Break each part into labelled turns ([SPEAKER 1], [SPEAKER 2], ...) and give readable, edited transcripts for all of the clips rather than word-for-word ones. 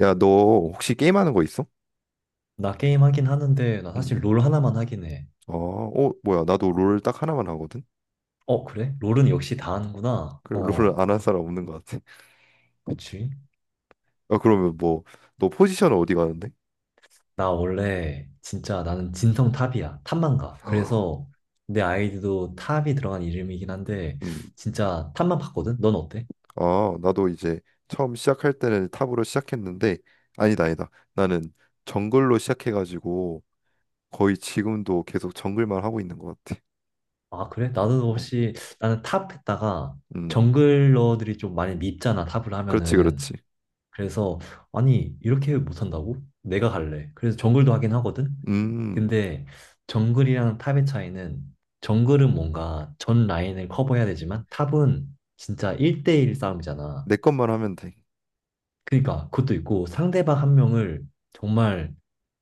[SPEAKER 1] 야, 너 혹시 게임하는 거 있어?
[SPEAKER 2] 나 게임 하긴 하는데 나
[SPEAKER 1] 음.
[SPEAKER 2] 사실 롤 하나만 하긴 해.
[SPEAKER 1] 아, 뭐야. 나도 롤 딱 하나만 하거든?
[SPEAKER 2] 어, 그래? 롤은 역시 다 하는구나.
[SPEAKER 1] 그래, 롤을 안 한 사람 없는 것 같아.
[SPEAKER 2] 그치?
[SPEAKER 1] 아, 그러면 뭐, 너 포지션은 어디 가는데?
[SPEAKER 2] 나 원래 진짜 나는 진성 탑이야. 탑만 가. 그래서 내 아이디도 탑이 들어간 이름이긴 한데
[SPEAKER 1] 음.
[SPEAKER 2] 진짜 탑만 봤거든? 넌 어때?
[SPEAKER 1] 아, 나도 이제 처음 시작할 때는 탑으로 시작했는데, 아니다, 아니다. 나는 정글로 시작해가지고 거의 지금도 계속 정글만 하고 있는 것 같아.
[SPEAKER 2] 아, 그래? 나도
[SPEAKER 1] 어.
[SPEAKER 2] 혹시 나는 탑 했다가
[SPEAKER 1] 음.
[SPEAKER 2] 정글러들이 좀 많이 밉잖아, 탑을
[SPEAKER 1] 그렇지,
[SPEAKER 2] 하면은.
[SPEAKER 1] 그렇지.
[SPEAKER 2] 그래서 아니 이렇게 못한다고? 내가 갈래. 그래서 정글도 하긴 하거든.
[SPEAKER 1] 음.
[SPEAKER 2] 근데 정글이랑 탑의 차이는 정글은 뭔가 전 라인을 커버해야 되지만 탑은 진짜 1대1 싸움이잖아.
[SPEAKER 1] 내 것만 하면 돼.
[SPEAKER 2] 그러니까 그것도 있고 상대방 한 명을 정말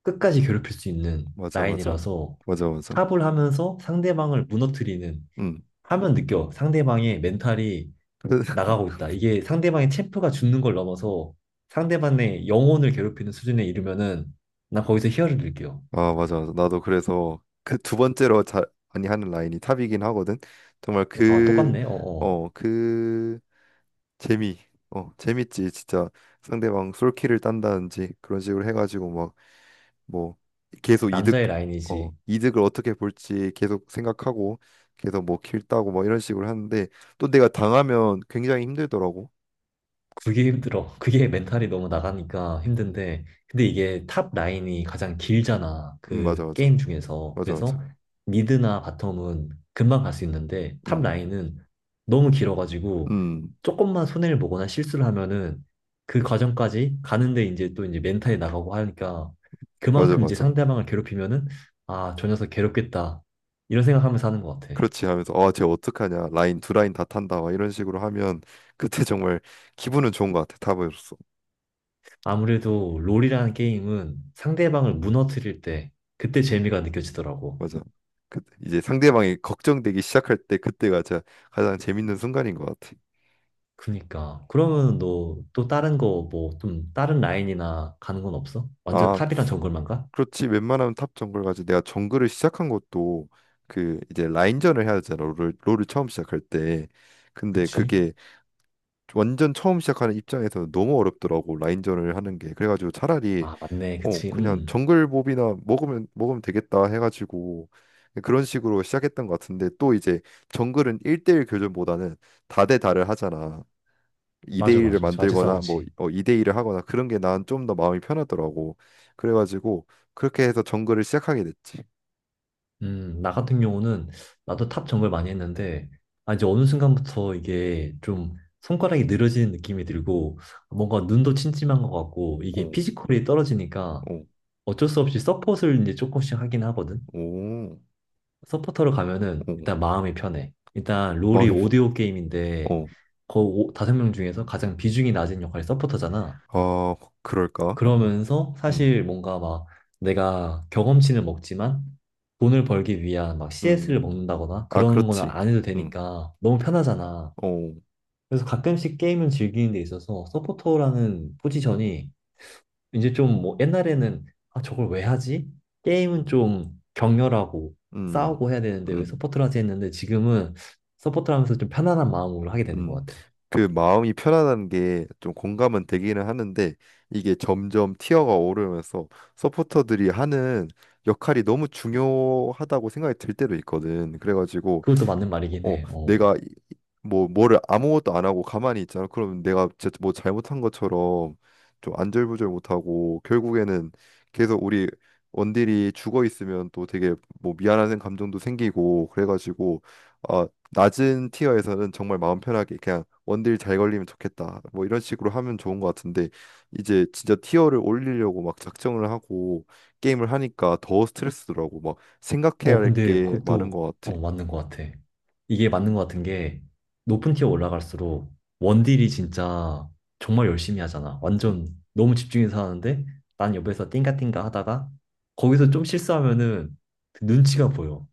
[SPEAKER 2] 끝까지 괴롭힐 수 있는
[SPEAKER 1] 맞아, 맞아.
[SPEAKER 2] 라인이라서
[SPEAKER 1] 맞아, 맞아.
[SPEAKER 2] 탑을 하면서 상대방을 무너뜨리는
[SPEAKER 1] 음.
[SPEAKER 2] 하면 느껴. 상대방의 멘탈이
[SPEAKER 1] 근데
[SPEAKER 2] 나가고 있다. 이게 상대방의 체포가 죽는 걸 넘어서 상대방의 영혼을 괴롭히는 수준에 이르면은 난 거기서 희열을 느껴.
[SPEAKER 1] 아, 맞아, 맞아. 나도 그래서 그 두 번째로 잘 많이 하는 라인이 탑이긴 하거든. 정말
[SPEAKER 2] 아,
[SPEAKER 1] 그,
[SPEAKER 2] 똑같네. 어어.
[SPEAKER 1] 어, 그 재미, 재밌지. 진짜 상대방 솔킬을 딴다든지 그런 식으로 해가지고 막 뭐 계속
[SPEAKER 2] 남자의 라인이지.
[SPEAKER 1] 이득을 어떻게 볼지 계속 생각하고 계속 뭐 킬 따고 뭐 이런 식으로 하는데 또 내가 당하면 굉장히 힘들더라고.
[SPEAKER 2] 그게 힘들어. 그게 멘탈이 너무 나가니까
[SPEAKER 1] 음,
[SPEAKER 2] 힘든데. 근데 이게 탑 라인이 가장 길잖아.
[SPEAKER 1] 맞아,
[SPEAKER 2] 그
[SPEAKER 1] 맞아,
[SPEAKER 2] 게임 중에서.
[SPEAKER 1] 맞아, 맞아.
[SPEAKER 2] 그래서 미드나 바텀은 금방 갈 수 있는데 탑
[SPEAKER 1] 음,
[SPEAKER 2] 라인은 너무 길어가지고
[SPEAKER 1] 음,
[SPEAKER 2] 조금만 손해를 보거나 실수를 하면은 그 과정까지 가는데 이제 또 멘탈이 나가고 하니까
[SPEAKER 1] 맞아,
[SPEAKER 2] 그만큼 이제
[SPEAKER 1] 맞아.
[SPEAKER 2] 상대방을 괴롭히면은 아, 저 녀석 괴롭겠다. 이런 생각하면서 하는 것 같아.
[SPEAKER 1] 그렇지. 하면서 아, 쟤 어떡하냐. 라인 두 라인 다 탄다. 막 이런 식으로 하면 그때 정말 기분은 좋은 것 같아. 탑으로서.
[SPEAKER 2] 아무래도 롤이라는 게임은 상대방을 무너뜨릴 때 그때 재미가 느껴지더라고.
[SPEAKER 1] 맞아. 그 이제 상대방이 걱정되기 시작할 때 그때가 진짜 가장 재밌는 순간인 것 같아.
[SPEAKER 2] 그니까 그러면 너 또 다른 거 뭐 좀 다른 라인이나 가는 건 없어? 완전
[SPEAKER 1] 아,
[SPEAKER 2] 탑이랑 정글만 가?
[SPEAKER 1] 그렇지. 웬만하면 탑 정글 가지. 내가 정글을 시작한 것도 그 이제 라인전을 해야 되잖아. 롤을 처음 시작할 때. 근데
[SPEAKER 2] 그치?
[SPEAKER 1] 그게 완전 처음 시작하는 입장에서 너무 어렵더라고. 라인전을 하는 게, 그래가지고 차라리
[SPEAKER 2] 아 맞네,
[SPEAKER 1] 어
[SPEAKER 2] 그치.
[SPEAKER 1] 그냥 정글몹이나 먹으면 되겠다 해가지고 그런 식으로 시작했던 것 같은데 또 이제 정글은 1대1 교전보다는 다대다를 하잖아.
[SPEAKER 2] 맞아,
[SPEAKER 1] 2대1을
[SPEAKER 2] 맞아, 자주
[SPEAKER 1] 만들거나 뭐
[SPEAKER 2] 싸우지.
[SPEAKER 1] 2대일을 하거나 그런 게 난 좀 더 마음이 편하더라고. 그래가지고 그렇게 해서 정글을 시작하게 됐지.
[SPEAKER 2] 음, 나 같은 경우는 나도 탑 정글 많이 했는데 아 이제 어느 순간부터 이게 좀 손가락이 늘어지는 느낌이 들고 뭔가 눈도 침침한 것 같고 이게
[SPEAKER 1] 어.
[SPEAKER 2] 피지컬이 떨어지니까
[SPEAKER 1] 어.
[SPEAKER 2] 어쩔 수 없이 서폿을 이제 조금씩 하긴 하거든.
[SPEAKER 1] 오.
[SPEAKER 2] 서포터로 가면은
[SPEAKER 1] 어.
[SPEAKER 2] 일단 마음이 편해. 일단 롤이
[SPEAKER 1] 마음이 편-.
[SPEAKER 2] 오디오 게임인데
[SPEAKER 1] 어.
[SPEAKER 2] 다섯 명 중에서 가장 비중이 낮은 역할이 서포터잖아.
[SPEAKER 1] 아, 그럴까?
[SPEAKER 2] 그러면서
[SPEAKER 1] 음.
[SPEAKER 2] 사실 뭔가 막 내가 경험치는 먹지만 돈을 벌기 위한 막 CS를
[SPEAKER 1] 음.
[SPEAKER 2] 먹는다거나
[SPEAKER 1] 아,
[SPEAKER 2] 그런 거는
[SPEAKER 1] 그렇지.
[SPEAKER 2] 안 해도
[SPEAKER 1] 응,
[SPEAKER 2] 되니까 너무 편하잖아.
[SPEAKER 1] 어,
[SPEAKER 2] 그래서 가끔씩 게임을 즐기는 데 있어서 서포터라는 포지션이 이제 옛날에는 아 저걸 왜 하지? 게임은 좀 격렬하고
[SPEAKER 1] 음,
[SPEAKER 2] 싸우고 해야 되는데 왜
[SPEAKER 1] 음,
[SPEAKER 2] 서포트를 하지 했는데 지금은 서포트를 하면서 좀 편안한 마음으로 하게 되는
[SPEAKER 1] 음.
[SPEAKER 2] 것 같아.
[SPEAKER 1] 그 마음이 편안한 게 좀 공감은 되기는 하는데 이게 점점 티어가 오르면서 서포터들이 하는 역할이 너무 중요하다고 생각이 들 때도 있거든. 그래가지고
[SPEAKER 2] 그것도 맞는 말이긴
[SPEAKER 1] 어,
[SPEAKER 2] 해. 어.
[SPEAKER 1] 내가 뭐를 아무것도 안 하고 가만히 있잖아. 그러면 내가 진짜 뭐 잘못한 것처럼 좀 안절부절 못하고 결국에는 계속 우리 원딜이 죽어 있으면 또 되게 뭐 미안한 감정도 생기고. 그래가지고 어, 낮은 티어에서는 정말 마음 편하게 그냥 원딜 잘 걸리면 좋겠다, 뭐 이런 식으로 하면 좋은 것 같은데 이제 진짜 티어를 올리려고 막 작정을 하고 게임을 하니까 더 스트레스더라고. 막 생각해야 할
[SPEAKER 2] 근데
[SPEAKER 1] 게 많은
[SPEAKER 2] 그것도
[SPEAKER 1] 것 같아.
[SPEAKER 2] 맞는 것 같아. 이게 맞는 것 같은 게 높은 티어 올라갈수록 원딜이 진짜 정말 열심히 하잖아.
[SPEAKER 1] 음.
[SPEAKER 2] 완전 너무 집중해서 하는데 난 옆에서 띵가띵가 하다가 거기서 좀 실수하면은 눈치가 보여.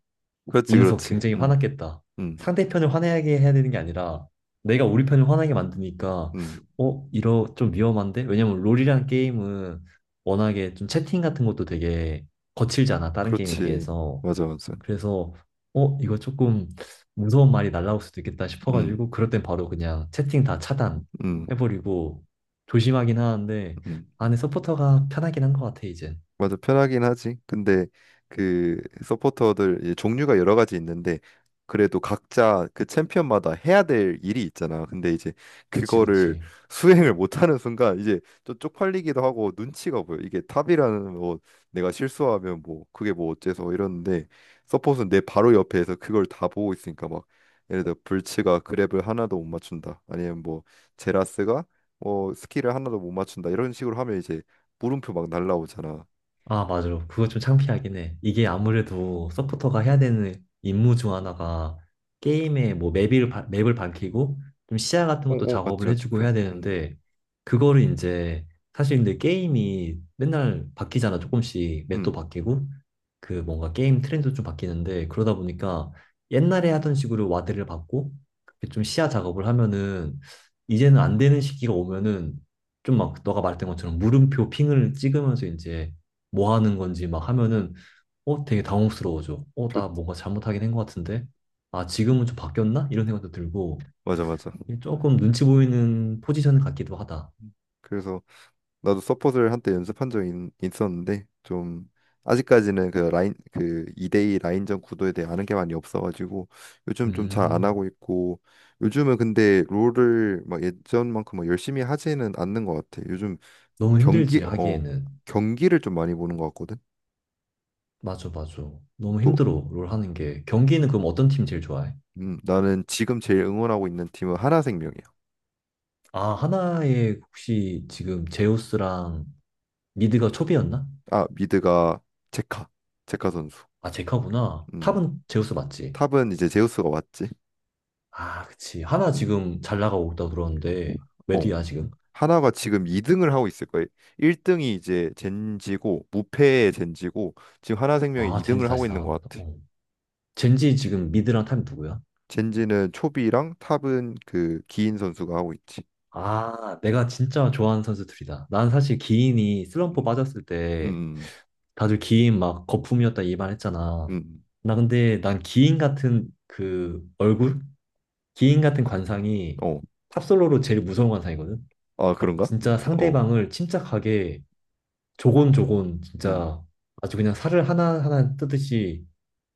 [SPEAKER 1] 그렇지,
[SPEAKER 2] 이 녀석
[SPEAKER 1] 그렇지.
[SPEAKER 2] 굉장히
[SPEAKER 1] 음.
[SPEAKER 2] 화났겠다.
[SPEAKER 1] 음.
[SPEAKER 2] 상대편을 화나게 해야 되는 게 아니라 내가 우리 편을 화나게 만드니까
[SPEAKER 1] 음.
[SPEAKER 2] 어, 이러 좀 위험한데? 왜냐면 롤이란 게임은 워낙에 좀 채팅 같은 것도 되게 거칠잖아. 다른 게임에
[SPEAKER 1] 그렇지.
[SPEAKER 2] 비해서.
[SPEAKER 1] 맞아, 맞아.
[SPEAKER 2] 그래서 이거 조금 무서운 말이 날라올 수도 있겠다
[SPEAKER 1] 음,
[SPEAKER 2] 싶어가지고 그럴 땐 바로 그냥 채팅 다 차단
[SPEAKER 1] 음,
[SPEAKER 2] 해버리고 조심하긴 하는데
[SPEAKER 1] 음.
[SPEAKER 2] 안에 서포터가 편하긴 한 것 같아 이젠.
[SPEAKER 1] 맞아, 편하긴 하지. 근데 그 서포터들 이제 종류가 여러 가지 있는데 그래도 각자 그 챔피언마다 해야 될 일이 있잖아. 근데 이제
[SPEAKER 2] 그치
[SPEAKER 1] 그거를
[SPEAKER 2] 그치.
[SPEAKER 1] 수행을 못하는 순간 이제 좀 쪽팔리기도 하고 눈치가 보여. 이게 탑이라는, 뭐 내가 실수하면 뭐 그게 뭐 어째서 이러는데 서폿은 내 바로 옆에서 그걸 다 보고 있으니까 막 예를 들어 불츠가 그랩을 하나도 못 맞춘다, 아니면 뭐 제라스가 뭐 스킬을 하나도 못 맞춘다, 이런 식으로 하면 이제 물음표 막 날라오잖아.
[SPEAKER 2] 아, 맞아. 그거 좀 창피하긴 해. 이게 아무래도 서포터가 해야 되는 임무 중 하나가 게임의 뭐 맵을 밝히고 좀 시야 같은 것도
[SPEAKER 1] 어어, 맞지, 맞지.
[SPEAKER 2] 작업을 해주고 해야 되는데 그거를 이제 사실 근데 게임이 맨날 바뀌잖아. 조금씩 맵도
[SPEAKER 1] 그음음
[SPEAKER 2] 바뀌고 그 뭔가 게임 트렌드도 좀 바뀌는데 그러다 보니까 옛날에 하던 식으로 와드를 받고 그좀 시야 작업을 하면은 이제는 안 되는 시기가 오면은 좀 막 너가 말했던 것처럼 물음표 핑을 찍으면서 이제 뭐 하는 건지 막 하면은 어 되게 당혹스러워져. 어 나 뭔가 잘못하긴 한 것 같은데. 아 지금은 좀 바뀌었나? 이런 생각도 들고
[SPEAKER 1] 맞아 맞아.
[SPEAKER 2] 이게 조금 눈치 보이는 포지션 같기도 하다.
[SPEAKER 1] 그래서 나도 서폿을 한때 연습한 적이 었는데좀 아직까지는 그 라인 그 2대2 라인전 구도에 대해 아는 게 많이 없어가지고 요즘 좀 잘 안
[SPEAKER 2] 음,
[SPEAKER 1] 하고 있고, 요즘은 근데 롤을 막 예전만큼 막 열심히 하지는 않는 것 같아. 요즘
[SPEAKER 2] 너무
[SPEAKER 1] 경기
[SPEAKER 2] 힘들지
[SPEAKER 1] 어
[SPEAKER 2] 하기에는.
[SPEAKER 1] 경기를 좀 많이 보는 것 같거든.
[SPEAKER 2] 맞아, 맞아. 너무
[SPEAKER 1] 또
[SPEAKER 2] 힘들어 롤 하는 게. 경기는 그럼 어떤 팀 제일 좋아해?
[SPEAKER 1] 나는 지금 제일 응원하고 있는 팀은 하나생명이야.
[SPEAKER 2] 아, 하나에 혹시 지금 제우스랑 미드가 초비였나?
[SPEAKER 1] 아, 미드가 제카 제카 선수.
[SPEAKER 2] 아 제카구나.
[SPEAKER 1] 음.
[SPEAKER 2] 탑은 제우스 맞지?
[SPEAKER 1] 탑은 이제 제우스가 왔지.
[SPEAKER 2] 아 그치. 하나
[SPEAKER 1] 음.
[SPEAKER 2] 지금 잘 나가고 있다고 들었는데 왜
[SPEAKER 1] 어.
[SPEAKER 2] 뒤야 지금?
[SPEAKER 1] 하나가 지금 2등을 하고 있을 거예요. 1등이 이제 젠지고, 무패의 젠지고, 지금 하나생명이
[SPEAKER 2] 아, 젠지
[SPEAKER 1] 2등을 하고
[SPEAKER 2] 다시
[SPEAKER 1] 있는 것
[SPEAKER 2] 나왔다.
[SPEAKER 1] 같아.
[SPEAKER 2] 젠지 지금 미드랑 탑이 누구야?
[SPEAKER 1] 젠지는 초비랑 탑은 그 기인 선수가 하고 있지.
[SPEAKER 2] 아, 내가 진짜 좋아하는 선수들이다. 난 사실 기인이 슬럼프
[SPEAKER 1] 음.
[SPEAKER 2] 빠졌을 때
[SPEAKER 1] 음.
[SPEAKER 2] 다들 기인 막 거품이었다 이 말 했잖아.
[SPEAKER 1] 음.
[SPEAKER 2] 나 근데 난 기인 같은 그 얼굴? 기인 같은 관상이
[SPEAKER 1] 음. 어.
[SPEAKER 2] 탑솔로로 제일 무서운 관상이거든?
[SPEAKER 1] 아, 그런가?
[SPEAKER 2] 진짜
[SPEAKER 1] 어.
[SPEAKER 2] 상대방을 침착하게 조곤조곤
[SPEAKER 1] 음.
[SPEAKER 2] 진짜 아주 그냥 살을 하나하나 뜯듯이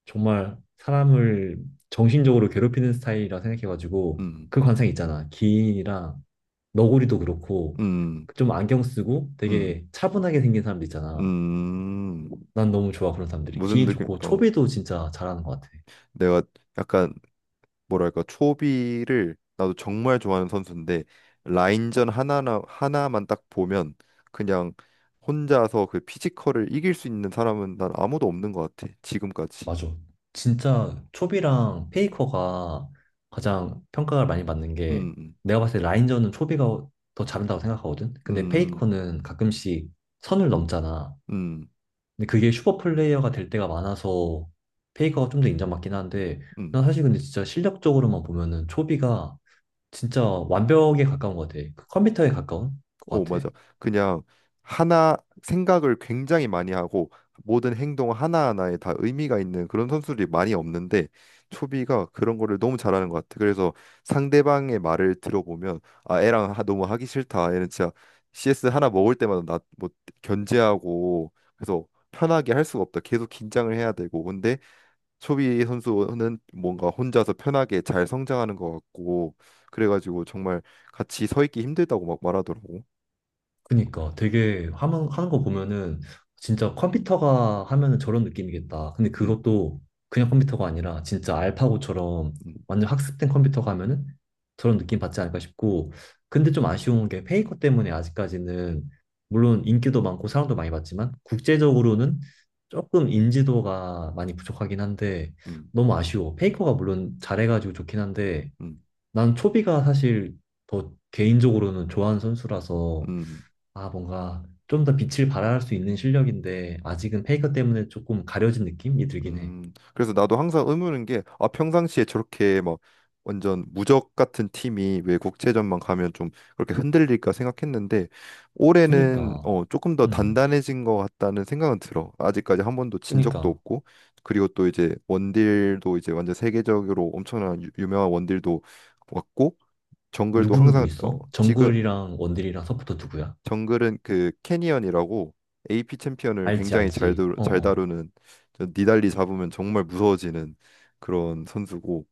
[SPEAKER 2] 정말 사람을 정신적으로 괴롭히는 스타일이라 생각해가지고
[SPEAKER 1] 음.
[SPEAKER 2] 그 관상 있잖아. 기인이랑 너구리도 그렇고
[SPEAKER 1] 음.
[SPEAKER 2] 좀 안경 쓰고
[SPEAKER 1] 음.
[SPEAKER 2] 되게 차분하게 생긴 사람들 있잖아.
[SPEAKER 1] 음.
[SPEAKER 2] 난 너무 좋아 그런 사람들이.
[SPEAKER 1] 무슨
[SPEAKER 2] 기인
[SPEAKER 1] 느낌?
[SPEAKER 2] 좋고
[SPEAKER 1] 어.
[SPEAKER 2] 초비도 진짜 잘하는 것 같아.
[SPEAKER 1] 내가 약간 뭐랄까, 초비를 나도 정말 좋아하는 선수인데 라인전 하나나 하나만 딱 보면 그냥 혼자서 그 피지컬을 이길 수 있는 사람은 난 아무도 없는 것 같아 지금까지.
[SPEAKER 2] 맞아. 진짜 초비랑 페이커가 가장 평가를 많이 받는 게
[SPEAKER 1] 음,
[SPEAKER 2] 내가 봤을 때 라인전은 초비가 더 잘한다고 생각하거든. 근데
[SPEAKER 1] 음,
[SPEAKER 2] 페이커는 가끔씩 선을 넘잖아.
[SPEAKER 1] 음, 음.
[SPEAKER 2] 근데 그게 슈퍼 플레이어가 될 때가 많아서 페이커가 좀 더 인정받긴 한데
[SPEAKER 1] 음.
[SPEAKER 2] 난 사실 근데 진짜 실력적으로만 보면은 초비가 진짜 완벽에 가까운 것 같아. 그 컴퓨터에 가까운 것
[SPEAKER 1] 오,
[SPEAKER 2] 같아.
[SPEAKER 1] 맞아. 그냥 하나 생각을 굉장히 많이 하고 모든 행동 하나하나에 다 의미가 있는 그런 선수들이 많이 없는데 초비가 그런 거를 너무 잘하는 것 같아. 그래서 상대방의 말을 들어보면 아, 애랑 하- 너무 하기 싫다. 얘는 진짜 CS 하나 먹을 때마다 나 뭐 견제하고 그래서 편하게 할 수가 없다. 계속 긴장을 해야 되고. 근데 초비 선수는 뭔가 혼자서 편하게 잘 성장하는 것 같고 그래가지고 정말 같이 서 있기 힘들다고 막 말하더라고.
[SPEAKER 2] 그니까 되게 하는 거 보면은 진짜 컴퓨터가 하면은 저런 느낌이겠다. 근데
[SPEAKER 1] 음,
[SPEAKER 2] 그것도 그냥 컴퓨터가 아니라 진짜 알파고처럼
[SPEAKER 1] 음,
[SPEAKER 2] 완전 학습된 컴퓨터가 하면은 저런 느낌 받지 않을까 싶고. 근데 좀 아쉬운 게 페이커 때문에 아직까지는 물론 인기도 많고 사랑도 많이 받지만 국제적으로는 조금 인지도가 많이 부족하긴 한데
[SPEAKER 1] 음,
[SPEAKER 2] 너무 아쉬워. 페이커가 물론 잘해가지고 좋긴 한데
[SPEAKER 1] 음,
[SPEAKER 2] 난 초비가 사실 더 개인적으로는 좋아하는 선수라서
[SPEAKER 1] 음,
[SPEAKER 2] 아, 뭔가 좀 더 빛을 발할 수 있는 실력인데 아직은 페이커 때문에 조금 가려진 느낌이 들긴 해.
[SPEAKER 1] 그래서 나도 항상 의문인 게, 아, 평상시에 저렇게 막 완전 무적 같은 팀이 왜 국제전만 가면 좀 그렇게 흔들릴까 생각했는데, 올해는
[SPEAKER 2] 그니까,
[SPEAKER 1] 어, 조금 더
[SPEAKER 2] 음,
[SPEAKER 1] 단단해진 것 같다는 생각은 들어. 아직까지 한 번도 진 적도
[SPEAKER 2] 그니까
[SPEAKER 1] 없고, 그리고 또 이제 원딜도 이제 완전 세계적으로 엄청난 유명한 원딜도 왔고, 정글도
[SPEAKER 2] 누구 누구
[SPEAKER 1] 항상 어,
[SPEAKER 2] 있어?
[SPEAKER 1] 지금
[SPEAKER 2] 정글이랑 원딜이랑 서포터 누구야?
[SPEAKER 1] 정글은 그 캐니언이라고 AP 챔피언을
[SPEAKER 2] 알지
[SPEAKER 1] 굉장히
[SPEAKER 2] 알지. 어
[SPEAKER 1] 잘
[SPEAKER 2] 어.
[SPEAKER 1] 다루는, 저 니달리 잡으면 정말 무서워지는 그런 선수고,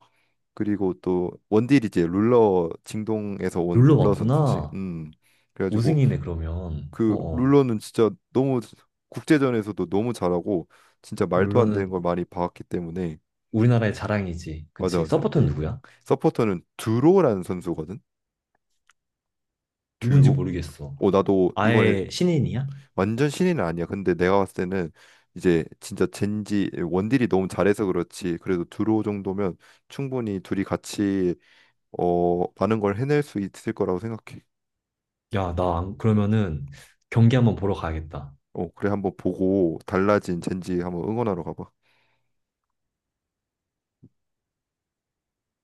[SPEAKER 1] 그리고 또 원딜이 이제 룰러, 징동에서 온
[SPEAKER 2] 룰러
[SPEAKER 1] 룰러 선수지.
[SPEAKER 2] 왔구나.
[SPEAKER 1] 음. 그래가지고
[SPEAKER 2] 우승이네 그러면. 어
[SPEAKER 1] 그
[SPEAKER 2] 어.
[SPEAKER 1] 룰러는 진짜 너무 국제전에서도 너무 잘하고 진짜 말도 안
[SPEAKER 2] 룰러는
[SPEAKER 1] 되는 걸 많이 봐왔기 때문에.
[SPEAKER 2] 우리나라의 자랑이지.
[SPEAKER 1] 맞아,
[SPEAKER 2] 그치?
[SPEAKER 1] 맞아.
[SPEAKER 2] 서포터는
[SPEAKER 1] 예.
[SPEAKER 2] 누구야?
[SPEAKER 1] 서포터는 듀로라는 선수거든.
[SPEAKER 2] 누군지
[SPEAKER 1] 듀로.
[SPEAKER 2] 모르겠어.
[SPEAKER 1] 어, 나도 이번에
[SPEAKER 2] 아예 신인이야?
[SPEAKER 1] 완전 신인은 아니야. 근데 내가 봤을 때는 이제 진짜 젠지 원딜이 너무 잘해서 그렇지. 그래도 두로 정도면 충분히 둘이 같이 어, 많은 걸 해낼 수 있을 거라고 생각해.
[SPEAKER 2] 야, 나 안- 그러면은 경기 한번 보러 가야겠다.
[SPEAKER 1] 어, 그래. 한번 보고 달라진 젠지 한번 응원하러 가봐.